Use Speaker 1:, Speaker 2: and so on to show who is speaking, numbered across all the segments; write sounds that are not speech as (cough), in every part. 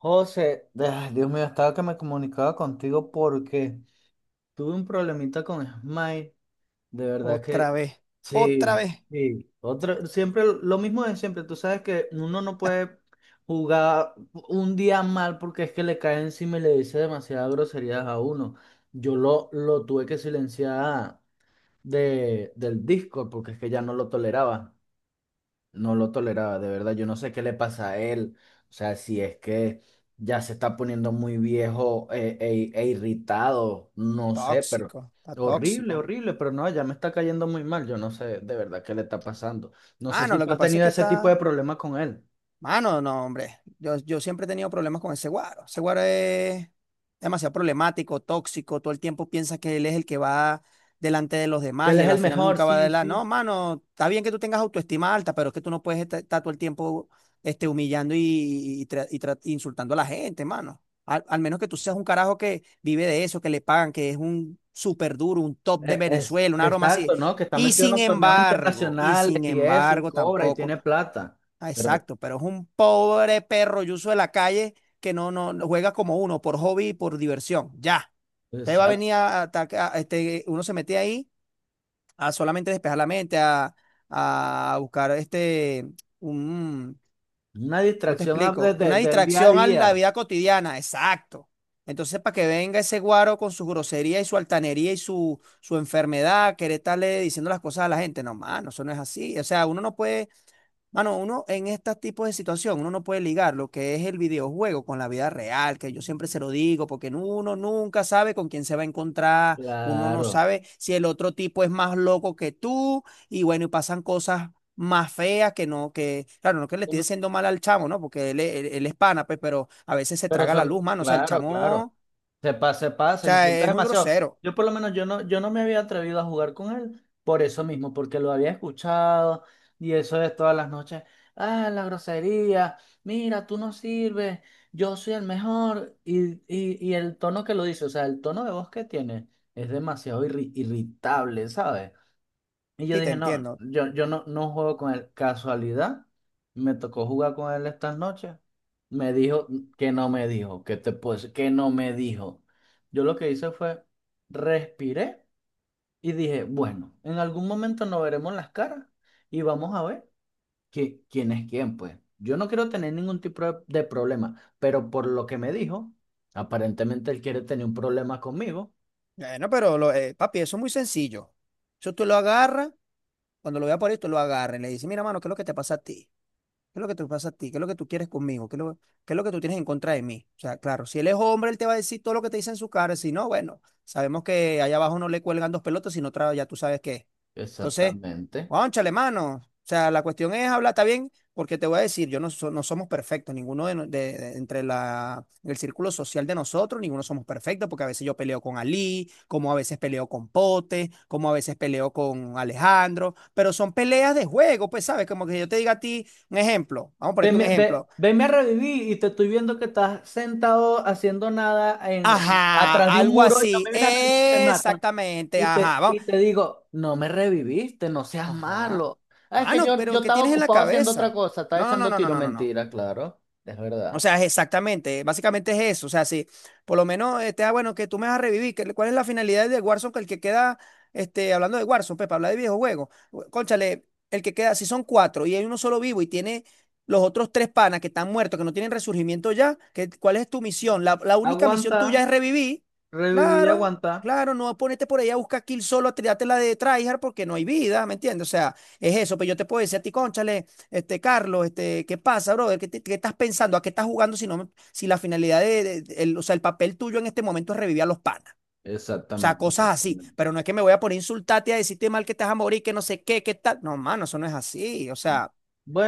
Speaker 1: José, ay, Dios mío, estaba que me comunicaba contigo porque tuve un problemita con Smile. De verdad que
Speaker 2: Otra vez, otra
Speaker 1: sí,
Speaker 2: vez.
Speaker 1: sí. Otro, siempre lo mismo de siempre. Tú sabes que uno no puede jugar un día mal porque es que le cae encima y le dice demasiadas groserías a uno. Yo lo tuve que silenciar del Discord porque es que ya no lo toleraba. No lo toleraba, de verdad. Yo no sé qué le pasa a él. O sea, si es que ya se está poniendo muy viejo e irritado, no sé, pero
Speaker 2: Tóxico, está tóxico.
Speaker 1: horrible, horrible, pero no, ya me está cayendo muy mal. Yo no sé de verdad qué le está pasando. No sé
Speaker 2: Mano,
Speaker 1: si
Speaker 2: lo
Speaker 1: tú
Speaker 2: que
Speaker 1: has
Speaker 2: pasa es
Speaker 1: tenido
Speaker 2: que
Speaker 1: ese tipo de
Speaker 2: está,
Speaker 1: problemas con él.
Speaker 2: Mano, no, hombre. Yo siempre he tenido problemas con ese guaro. Ese guaro es demasiado problemático, tóxico. Todo el tiempo piensa que él es el que va delante de los
Speaker 1: Que
Speaker 2: demás
Speaker 1: él
Speaker 2: y
Speaker 1: es
Speaker 2: él
Speaker 1: el
Speaker 2: al final
Speaker 1: mejor,
Speaker 2: nunca va
Speaker 1: sí,
Speaker 2: adelante.
Speaker 1: sí.
Speaker 2: No, mano, está bien que tú tengas autoestima alta, pero es que tú no puedes estar todo el tiempo humillando y insultando a la gente, mano. Al menos que tú seas un carajo que vive de eso, que le pagan, que es un súper duro, un top de
Speaker 1: Es,
Speaker 2: Venezuela, una broma así.
Speaker 1: exacto, ¿no? Que está
Speaker 2: Y
Speaker 1: metido en
Speaker 2: sin
Speaker 1: los torneos
Speaker 2: embargo, y
Speaker 1: internacionales
Speaker 2: sin
Speaker 1: y eso, y
Speaker 2: embargo,
Speaker 1: cobra y
Speaker 2: tampoco.
Speaker 1: tiene plata.
Speaker 2: Ah,
Speaker 1: Pero,
Speaker 2: exacto, pero es un pobre perro yuso de la calle que no juega como uno, por hobby y por diversión. Ya. Usted va a
Speaker 1: exacto,
Speaker 2: venir a atacar, uno se mete ahí a solamente despejar la mente, a buscar un,
Speaker 1: una
Speaker 2: ¿cómo te
Speaker 1: distracción a-
Speaker 2: explico?
Speaker 1: desde,
Speaker 2: Una
Speaker 1: desde el día a
Speaker 2: distracción a la
Speaker 1: día.
Speaker 2: vida cotidiana, exacto. Entonces, para que venga ese guaro con su grosería y su altanería y su enfermedad, querer estarle diciendo las cosas a la gente, no, mano, eso no es así. O sea, uno no puede Mano, uno en este tipo de situación, uno no puede ligar lo que es el videojuego con la vida real, que yo siempre se lo digo, porque uno nunca sabe con quién se va a encontrar, uno no
Speaker 1: Claro.
Speaker 2: sabe si el otro tipo es más loco que tú, y bueno, y pasan cosas más feas que no, que, claro, no que le estoy diciendo mal al chamo, ¿no? Porque él es pana, pues, pero a veces se
Speaker 1: Pero
Speaker 2: traga la
Speaker 1: son,
Speaker 2: luz, mano, o sea, el
Speaker 1: claro,
Speaker 2: chamo,
Speaker 1: claro,
Speaker 2: o
Speaker 1: se pasa,
Speaker 2: sea,
Speaker 1: insulta
Speaker 2: es muy
Speaker 1: demasiado.
Speaker 2: grosero,
Speaker 1: Yo por lo menos yo no me había atrevido a jugar con él por eso mismo, porque lo había escuchado y eso es todas las noches. Ah, la grosería, mira, tú no sirves, yo soy el mejor. Y el tono que lo dice, o sea, el tono de voz que tiene es demasiado irritable, ¿sabes? Y yo
Speaker 2: sí, te
Speaker 1: dije, no,
Speaker 2: entiendo.
Speaker 1: yo no juego con él. Casualidad, me tocó jugar con él estas noches. Me dijo que no me dijo, que te puedo decir que no me dijo. Yo lo que hice fue respiré y dije, bueno, en algún momento nos veremos las caras y vamos a ver quién es quién, pues. Yo no quiero tener ningún tipo de problema, pero por lo que me dijo, aparentemente él quiere tener un problema conmigo.
Speaker 2: Bueno, pero, papi, eso es muy sencillo. Eso tú lo agarras. Cuando lo vea por esto, lo agarren. Le dice, mira, mano, ¿qué es lo que te pasa a ti? ¿Qué es lo que te pasa a ti? ¿Qué es lo que tú quieres conmigo? ¿Qué es lo que tú tienes en contra de mí? O sea, claro, si él es hombre, él te va a decir todo lo que te dice en su cara. Si no, bueno, sabemos que allá abajo no le cuelgan dos pelotas, sino otra, ya tú sabes qué es. Entonces,
Speaker 1: Exactamente.
Speaker 2: cónchale, mano. O sea, la cuestión es hablar, está bien, porque te voy a decir, yo no, so- no somos perfectos, ninguno de, no- de- entre el círculo social de nosotros, ninguno somos perfectos, porque a veces yo peleo con Ali, como a veces peleo con Pote, como a veces peleo con Alejandro, pero son peleas de juego, pues sabes, como que yo te diga a ti. Un ejemplo, vamos a ponerte un
Speaker 1: Venme, ve,
Speaker 2: ejemplo.
Speaker 1: venme a revivir y te estoy viendo que estás sentado haciendo nada
Speaker 2: Ajá,
Speaker 1: atrás de un
Speaker 2: algo
Speaker 1: muro y no
Speaker 2: así.
Speaker 1: me vienes a revivir, me matan.
Speaker 2: Exactamente,
Speaker 1: Y te,
Speaker 2: ajá, vamos.
Speaker 1: y te digo, no me reviviste, no seas
Speaker 2: Ajá.
Speaker 1: malo. Ah, es que
Speaker 2: Mano,
Speaker 1: yo,
Speaker 2: pero
Speaker 1: yo
Speaker 2: ¿qué
Speaker 1: estaba
Speaker 2: tienes en la
Speaker 1: ocupado haciendo otra
Speaker 2: cabeza?
Speaker 1: cosa, estaba
Speaker 2: No, no, no,
Speaker 1: echando
Speaker 2: no, no,
Speaker 1: tiro
Speaker 2: no, no. no.
Speaker 1: mentira, claro, es
Speaker 2: O
Speaker 1: verdad.
Speaker 2: sea, es exactamente, básicamente es eso. O sea, si por lo menos bueno, que tú me vas a revivir, ¿cuál es la finalidad de Warzone? Que el que queda, hablando de Warzone, pepe, habla de videojuegos. Cónchale, el que queda, si son cuatro y hay uno solo vivo y tiene los otros tres panas que están muertos, que no tienen resurgimiento ya, que, ¿cuál es tu misión? La única misión
Speaker 1: Aguanta,
Speaker 2: tuya es revivir.
Speaker 1: reviví,
Speaker 2: Claro,
Speaker 1: aguanta.
Speaker 2: claro, no ponete por ahí a buscar kill solo, a tirarte la de tryhard porque no hay vida, ¿me entiendes? O sea, es eso, pero yo te puedo decir a ti, cónchale. Carlos, ¿qué pasa, brother? ¿Qué estás pensando? ¿A qué estás jugando si la finalidad o sea, el papel tuyo en este momento es revivir a los panas? O sea,
Speaker 1: Exactamente,
Speaker 2: cosas así.
Speaker 1: exactamente.
Speaker 2: Pero no es que me voy a poner a insultarte y a decirte mal que estás a morir, que no sé qué, qué tal. No, mano, eso no es así. O sea,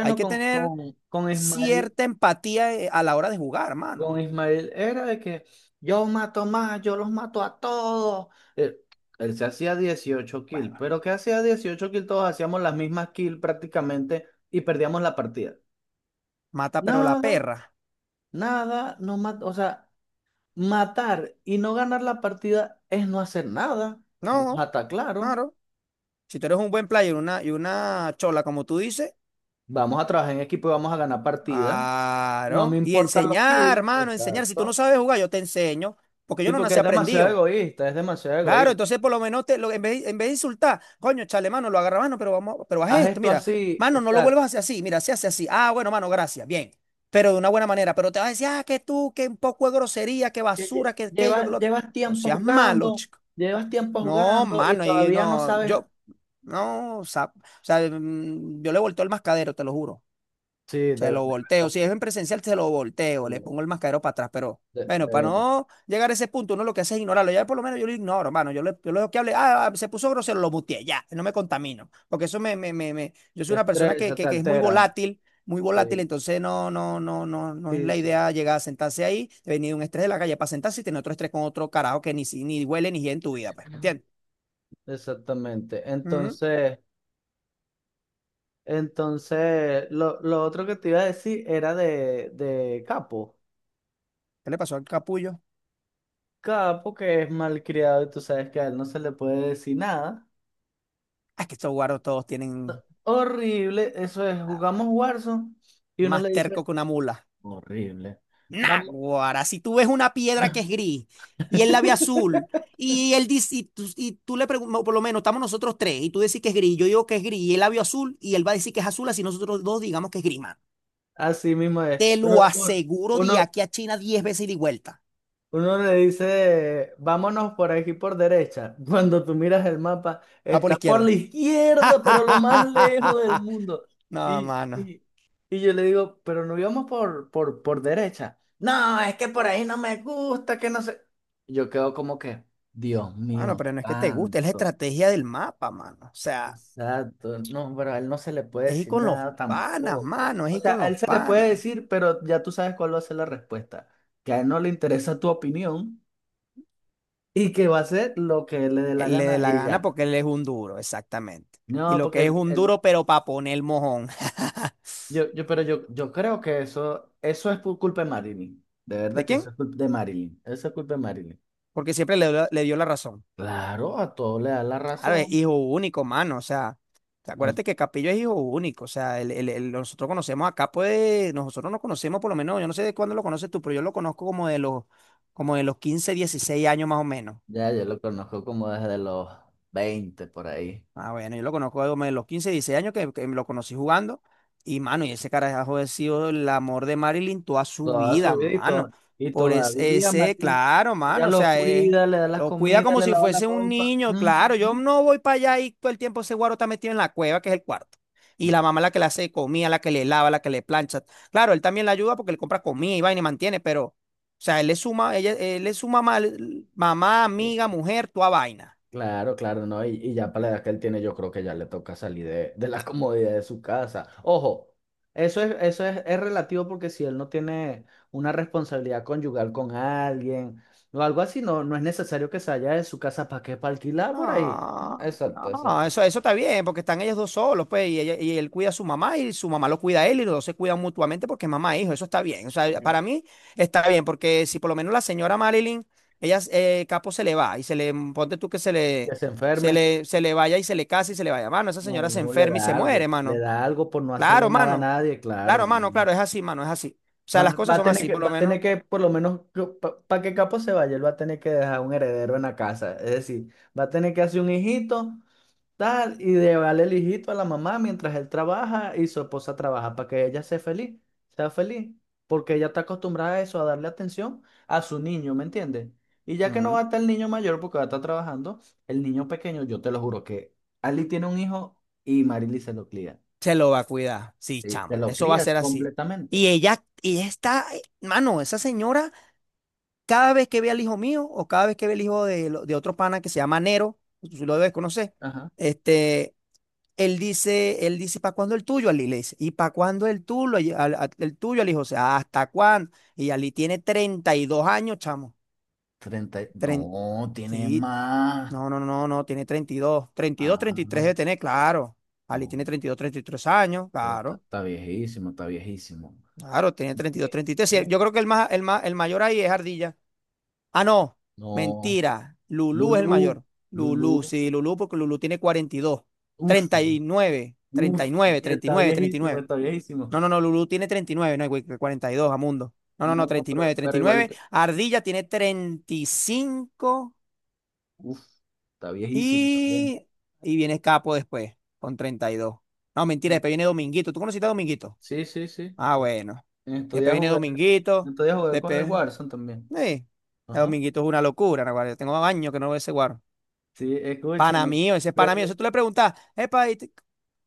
Speaker 2: hay que
Speaker 1: con,
Speaker 2: tener
Speaker 1: con, con Ismael.
Speaker 2: cierta empatía a la hora de jugar,
Speaker 1: Con
Speaker 2: mano.
Speaker 1: Ismael era de que yo mato más, yo los mato a todos. Él, él se hacía 18
Speaker 2: Bueno,
Speaker 1: kills, pero ¿qué hacía 18 kills? Todos hacíamos las mismas kills prácticamente y perdíamos la partida.
Speaker 2: mata pero la
Speaker 1: Nada,
Speaker 2: perra.
Speaker 1: nada, no mat- o sea, matar y no ganar la partida es no hacer nada. Vamos a
Speaker 2: No,
Speaker 1: estar claro,
Speaker 2: claro. Si tú eres un buen player y y una chola, como tú dices.
Speaker 1: vamos a trabajar en equipo y vamos a ganar partidas. No me
Speaker 2: Claro. Y
Speaker 1: importan los
Speaker 2: enseñar,
Speaker 1: kills,
Speaker 2: hermano, enseñar. Si tú no
Speaker 1: exacto.
Speaker 2: sabes jugar, yo te enseño, porque yo
Speaker 1: Sí,
Speaker 2: no
Speaker 1: porque
Speaker 2: nací
Speaker 1: es demasiado
Speaker 2: aprendido.
Speaker 1: egoísta, es demasiado
Speaker 2: Claro,
Speaker 1: egoísta.
Speaker 2: entonces por lo menos te, lo- en vez de insultar, coño, chale, mano, lo agarra, mano, pero vamos, pero haz
Speaker 1: Haz
Speaker 2: esto,
Speaker 1: esto
Speaker 2: mira,
Speaker 1: así,
Speaker 2: mano, no lo
Speaker 1: exacto
Speaker 2: vuelvas a hacer así, mira, se hace así. Ah, bueno, mano, gracias, bien. Pero de una buena manera, pero te vas a decir, ah, que tú, que un poco de grosería, que
Speaker 1: que Lle-
Speaker 2: basura, que aquello, que
Speaker 1: Llevas,
Speaker 2: lo otro.
Speaker 1: llevas
Speaker 2: No
Speaker 1: tiempo
Speaker 2: seas malo,
Speaker 1: jugando,
Speaker 2: chico.
Speaker 1: llevas tiempo
Speaker 2: No,
Speaker 1: jugando y
Speaker 2: mano, y
Speaker 1: todavía no
Speaker 2: no,
Speaker 1: sabes.
Speaker 2: yo, no, o sea, yo le he vuelto el mascadero, te lo juro.
Speaker 1: Sí, de
Speaker 2: Se lo
Speaker 1: verdad,
Speaker 2: volteo. Si es en presencial, se lo volteo. Le
Speaker 1: de,
Speaker 2: pongo el mascarero para atrás. Pero
Speaker 1: de-
Speaker 2: bueno,
Speaker 1: de
Speaker 2: para
Speaker 1: verdad.
Speaker 2: no llegar a ese punto, uno lo que hace es ignorarlo. Ya por lo menos yo lo ignoro, hermano. Yo lo dejo que hable. Se puso grosero, lo muteé. Ya, no me contamino. Porque eso me, me, me, me- yo soy
Speaker 1: Te
Speaker 2: una persona
Speaker 1: estresa, te
Speaker 2: que es muy
Speaker 1: altera.
Speaker 2: volátil. Muy volátil,
Speaker 1: Sí,
Speaker 2: entonces no es
Speaker 1: sí,
Speaker 2: la
Speaker 1: sí.
Speaker 2: idea llegar a sentarse ahí, venir de un estrés de la calle para sentarse y tener otro estrés con otro carajo que ni, si- ni huele ni gira en tu vida, pues, ¿me entiendes?
Speaker 1: Exactamente.
Speaker 2: Ujú.
Speaker 1: Entonces, lo otro que te iba a decir era de Capo.
Speaker 2: ¿Qué le pasó al capullo?
Speaker 1: Capo que es malcriado y tú sabes que a él no se le puede decir nada.
Speaker 2: Ah, es que estos guaros todos tienen
Speaker 1: Horrible, eso es,
Speaker 2: ah,
Speaker 1: jugamos Warzone y uno le
Speaker 2: más terco
Speaker 1: dice,
Speaker 2: que una mula.
Speaker 1: horrible. Vamos.
Speaker 2: Náguara, si tú ves una piedra que es gris y él la ve azul
Speaker 1: (laughs)
Speaker 2: y él dice, y tú le preguntas, por lo menos estamos nosotros tres y tú decís que es gris, yo digo que es gris y él la vio azul y él va a decir que es azul así nosotros dos digamos que es gris, mano.
Speaker 1: Así mismo es.
Speaker 2: Te lo aseguro de
Speaker 1: Uno,
Speaker 2: aquí a China 10 veces y de vuelta.
Speaker 1: uno le dice, vámonos por aquí por derecha. (laughs) Cuando tú miras el mapa,
Speaker 2: Va por la
Speaker 1: está por la
Speaker 2: izquierda.
Speaker 1: izquierda, pero lo más lejos del
Speaker 2: (laughs)
Speaker 1: mundo.
Speaker 2: No,
Speaker 1: Y,
Speaker 2: mano.
Speaker 1: y, y yo le digo, pero no íbamos por derecha. No, es que por ahí no me gusta, que no sé. Yo quedo como que, Dios
Speaker 2: Mano,
Speaker 1: mío,
Speaker 2: pero no es que te guste, es la
Speaker 1: santo.
Speaker 2: estrategia del mapa, mano. O sea,
Speaker 1: Exacto, no, pero a él no se le puede
Speaker 2: es ir
Speaker 1: decir
Speaker 2: con los
Speaker 1: nada
Speaker 2: panas,
Speaker 1: tampoco.
Speaker 2: mano, es
Speaker 1: O
Speaker 2: ir con
Speaker 1: sea, a él
Speaker 2: los
Speaker 1: se le puede
Speaker 2: panas.
Speaker 1: decir, pero ya tú sabes cuál va a ser la respuesta. Que a él no le interesa tu opinión y que va a hacer lo que le dé la
Speaker 2: Él le dé
Speaker 1: gana
Speaker 2: la
Speaker 1: y
Speaker 2: gana
Speaker 1: ya.
Speaker 2: porque él es un duro, exactamente. Y
Speaker 1: No,
Speaker 2: lo
Speaker 1: porque
Speaker 2: que es un
Speaker 1: el,
Speaker 2: duro, pero para poner mojón. (laughs)
Speaker 1: yo, pero yo creo que eso es por culpa de Marilyn. De
Speaker 2: ¿De
Speaker 1: verdad que
Speaker 2: quién?
Speaker 1: eso es culpa de Marilyn. Eso es culpa de Marilyn.
Speaker 2: Porque siempre le dio la razón.
Speaker 1: Claro, a todo le da la
Speaker 2: A ver,
Speaker 1: razón.
Speaker 2: hijo único, mano. O sea, te acuérdate que Capillo es hijo único. O sea, nosotros conocemos acá, pues, nosotros nos conocemos por lo menos, yo no sé de cuándo lo conoces tú, pero yo lo conozco como de los 15, 16 años más o menos.
Speaker 1: Ya, yo lo conozco como desde los 20 por ahí.
Speaker 2: Ah, bueno, yo lo conozco de los 15, 16 años que lo conocí jugando. Y, mano, y ese carajo ha sido el amor de Marilyn toda su
Speaker 1: Toda su
Speaker 2: vida,
Speaker 1: vida y,
Speaker 2: mano.
Speaker 1: to- y todavía María,
Speaker 2: Claro,
Speaker 1: ella
Speaker 2: mano,
Speaker 1: lo cuida, le da las
Speaker 2: lo cuida
Speaker 1: comidas,
Speaker 2: como
Speaker 1: le
Speaker 2: si
Speaker 1: lava la
Speaker 2: fuese un
Speaker 1: ropa.
Speaker 2: niño, claro. Yo
Speaker 1: Ujú.
Speaker 2: no voy para allá y todo el tiempo ese guaro está metido en la cueva, que es el cuarto. Y
Speaker 1: De-
Speaker 2: la mamá la que le hace comida, la que le lava, la que le plancha. Claro, él también la ayuda porque le compra comida y vaina y mantiene, pero, o sea, él es su mamá, mamá,
Speaker 1: eh,
Speaker 2: amiga, mujer, toda vaina.
Speaker 1: Claro, claro, ¿no? Y ya para la edad que él tiene, yo creo que ya le toca salir de la (laughs) comodidad de su casa. Ojo, es relativo porque si él no tiene una responsabilidad conyugal con alguien o algo así, no es necesario que se vaya de su casa para qué, para alquilar por ahí.
Speaker 2: No,
Speaker 1: Exacto,
Speaker 2: no,
Speaker 1: exacto.
Speaker 2: eso está bien, porque están ellos dos solos, pues, y él cuida a su mamá y su mamá lo cuida a él y los dos se cuidan mutuamente porque es mamá e hijo, eso está bien. O sea, para mí está bien, porque si por lo menos la señora Marilyn, Capo se le va y se le, ponte tú que se le,
Speaker 1: Que se
Speaker 2: se
Speaker 1: enferme.
Speaker 2: le, se le vaya y se le casa y se le vaya, mano, esa
Speaker 1: No,
Speaker 2: señora se enferma y se muere,
Speaker 1: le
Speaker 2: mano.
Speaker 1: da algo por no hacerle
Speaker 2: Claro,
Speaker 1: nada a
Speaker 2: mano,
Speaker 1: nadie, claro,
Speaker 2: claro, mano,
Speaker 1: no.
Speaker 2: claro, es así, mano, es así. O sea,
Speaker 1: Va,
Speaker 2: las
Speaker 1: va
Speaker 2: cosas
Speaker 1: a
Speaker 2: son
Speaker 1: tener
Speaker 2: así,
Speaker 1: que,
Speaker 2: por lo
Speaker 1: va a tener
Speaker 2: menos.
Speaker 1: que, por lo menos, para que Capo se vaya, él va a tener que dejar un heredero en la casa. Es decir, va a tener que hacer un hijito, tal, y llevarle el hijito a la mamá mientras él trabaja y su esposa trabaja, para que ella sea feliz, porque ella está acostumbrada a eso, a darle atención a su niño, ¿me entiendes? Y ya que no va a
Speaker 2: Ujú.
Speaker 1: estar el niño mayor porque va a estar trabajando, el niño pequeño, yo te lo juro que Ali tiene un hijo y Marily se lo cría.
Speaker 2: Se lo va a cuidar. Sí,
Speaker 1: Sí, se
Speaker 2: chamo.
Speaker 1: lo
Speaker 2: Eso va a
Speaker 1: crías
Speaker 2: ser así.
Speaker 1: completamente.
Speaker 2: Mano, esa señora, cada vez que ve al hijo mío o cada vez que ve al hijo de otro pana que se llama Nero, tú lo debes conocer,
Speaker 1: Ajá.
Speaker 2: este, él dice, ¿para cuándo el tuyo, Ali? Le dice, ¿y para cuándo el tuyo, al, al- ¿el tuyo, Ali? O sea, ¿hasta cuándo? Y Ali tiene 32 años, chamo. Tren-
Speaker 1: No, tiene
Speaker 2: sí,
Speaker 1: más.
Speaker 2: no, no, no, no, tiene 32, 33
Speaker 1: Ah,
Speaker 2: debe tener, claro. Ali
Speaker 1: no.
Speaker 2: tiene 32, 33 años,
Speaker 1: Pero está
Speaker 2: claro.
Speaker 1: está viejísimo, está viejísimo.
Speaker 2: Claro, tenía 32,
Speaker 1: Ve,
Speaker 2: 33. Sí,
Speaker 1: ve.
Speaker 2: yo creo que el más, el más, el mayor ahí es Ardilla. Ah, no,
Speaker 1: No.
Speaker 2: mentira. Lulú es el
Speaker 1: Lulu,
Speaker 2: mayor.
Speaker 1: Lulu.
Speaker 2: Lulú, sí, Lulú, porque Lulú tiene 42,
Speaker 1: Uf,
Speaker 2: treinta treinta treinta nueve, nueve, treinta y
Speaker 1: uf. Está
Speaker 2: nueve, treinta y
Speaker 1: viejísimo,
Speaker 2: nueve.
Speaker 1: está viejísimo.
Speaker 2: No, no, no, Lulú tiene 39, no, güey, que 42, Amundo. No, no, no,
Speaker 1: No, no,
Speaker 2: treinta y
Speaker 1: pero,
Speaker 2: nueve,
Speaker 1: pero
Speaker 2: treinta y nueve.
Speaker 1: igualito.
Speaker 2: Ardilla tiene cinco
Speaker 1: Uf, está viejísimo también.
Speaker 2: y viene Capo después, con 32. No, mentira, después viene Dominguito. ¿Tú conociste a Dominguito?
Speaker 1: Sí, sí, sí.
Speaker 2: Ah, bueno.
Speaker 1: En estos
Speaker 2: Después
Speaker 1: días
Speaker 2: viene
Speaker 1: jugué, en
Speaker 2: Dominguito.
Speaker 1: estos días jugué con el
Speaker 2: Después.
Speaker 1: Warzone también.
Speaker 2: Sí, el
Speaker 1: Ajá.
Speaker 2: dominguito es una locura, naguará. Yo tengo años que no veo ese guaro.
Speaker 1: Sí,
Speaker 2: Pana
Speaker 1: escúchame.
Speaker 2: mío, ese es pana mío. Eso tú le preguntas, epa,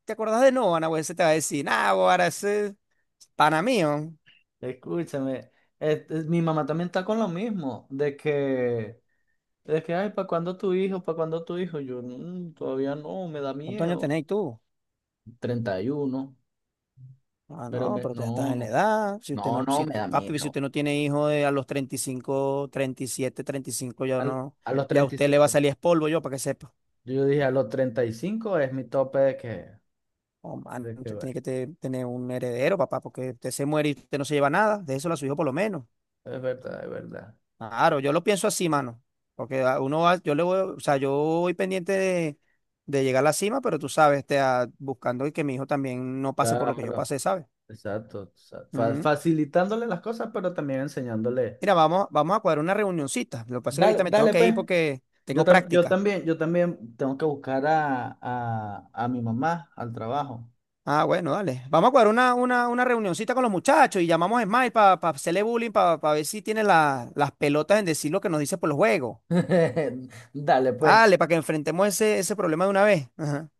Speaker 2: ¿te acordás de Noah, naguará? Ese te va a decir, nah, guara, ese es pana mío.
Speaker 1: Escúchame, este, mi mamá también está con lo mismo, de que, ay, ¿para cuándo tu hijo? ¿Para cuándo tu hijo? Yo, "Mm, todavía no, me da
Speaker 2: ¿Cuántos años
Speaker 1: miedo.
Speaker 2: tenéis tú?
Speaker 1: 31,
Speaker 2: Ah, no, pero tú ya estás
Speaker 1: no,
Speaker 2: en la
Speaker 1: no,
Speaker 2: edad. Si usted
Speaker 1: no,
Speaker 2: no,
Speaker 1: no,
Speaker 2: si,
Speaker 1: me
Speaker 2: tu-
Speaker 1: da
Speaker 2: papi, si
Speaker 1: miedo.
Speaker 2: usted no tiene hijos de a los treinta treinta y cinco, treinta y siete, treinta y cinco, ya
Speaker 1: Al-
Speaker 2: no,
Speaker 1: a los
Speaker 2: ya a
Speaker 1: treinta y
Speaker 2: usted le va a
Speaker 1: cinco,
Speaker 2: salir es polvo, yo para que sepa.
Speaker 1: yo dije, a los 35 es mi tope de que,
Speaker 2: Oh, man,
Speaker 1: de que,
Speaker 2: usted
Speaker 1: bueno,
Speaker 2: tiene que tener un heredero, papá, porque usted se muere y usted no se lleva nada. De eso a su hijo por lo menos.
Speaker 1: es verdad, es verdad.
Speaker 2: Claro, yo lo pienso así, mano. Porque a uno va, yo le voy, o sea, yo voy pendiente de llegar a la cima, pero tú sabes, buscando que mi hijo también no pase por lo que yo
Speaker 1: Claro,
Speaker 2: pasé, ¿sabes?
Speaker 1: exacto. sa- fa-
Speaker 2: Ujú.
Speaker 1: facilitándole las cosas, pero también enseñándole.
Speaker 2: Mira, vamos a cuadrar una reunioncita. Lo que pasa es que
Speaker 1: Dale,
Speaker 2: ahorita me tengo
Speaker 1: dale,
Speaker 2: que
Speaker 1: pues.
Speaker 2: ir porque
Speaker 1: Yo,
Speaker 2: tengo
Speaker 1: tam- yo
Speaker 2: práctica.
Speaker 1: también, yo también tengo que buscar a mi mamá al trabajo.
Speaker 2: Ah, bueno, dale. Vamos a cuadrar una reunioncita con los muchachos y llamamos a Smile para hacerle bullying, para ver si tiene las pelotas en decir lo que nos dice por los juegos.
Speaker 1: (laughs) Dale, pues.
Speaker 2: Dale, para que enfrentemos ese problema de una vez. Ajá.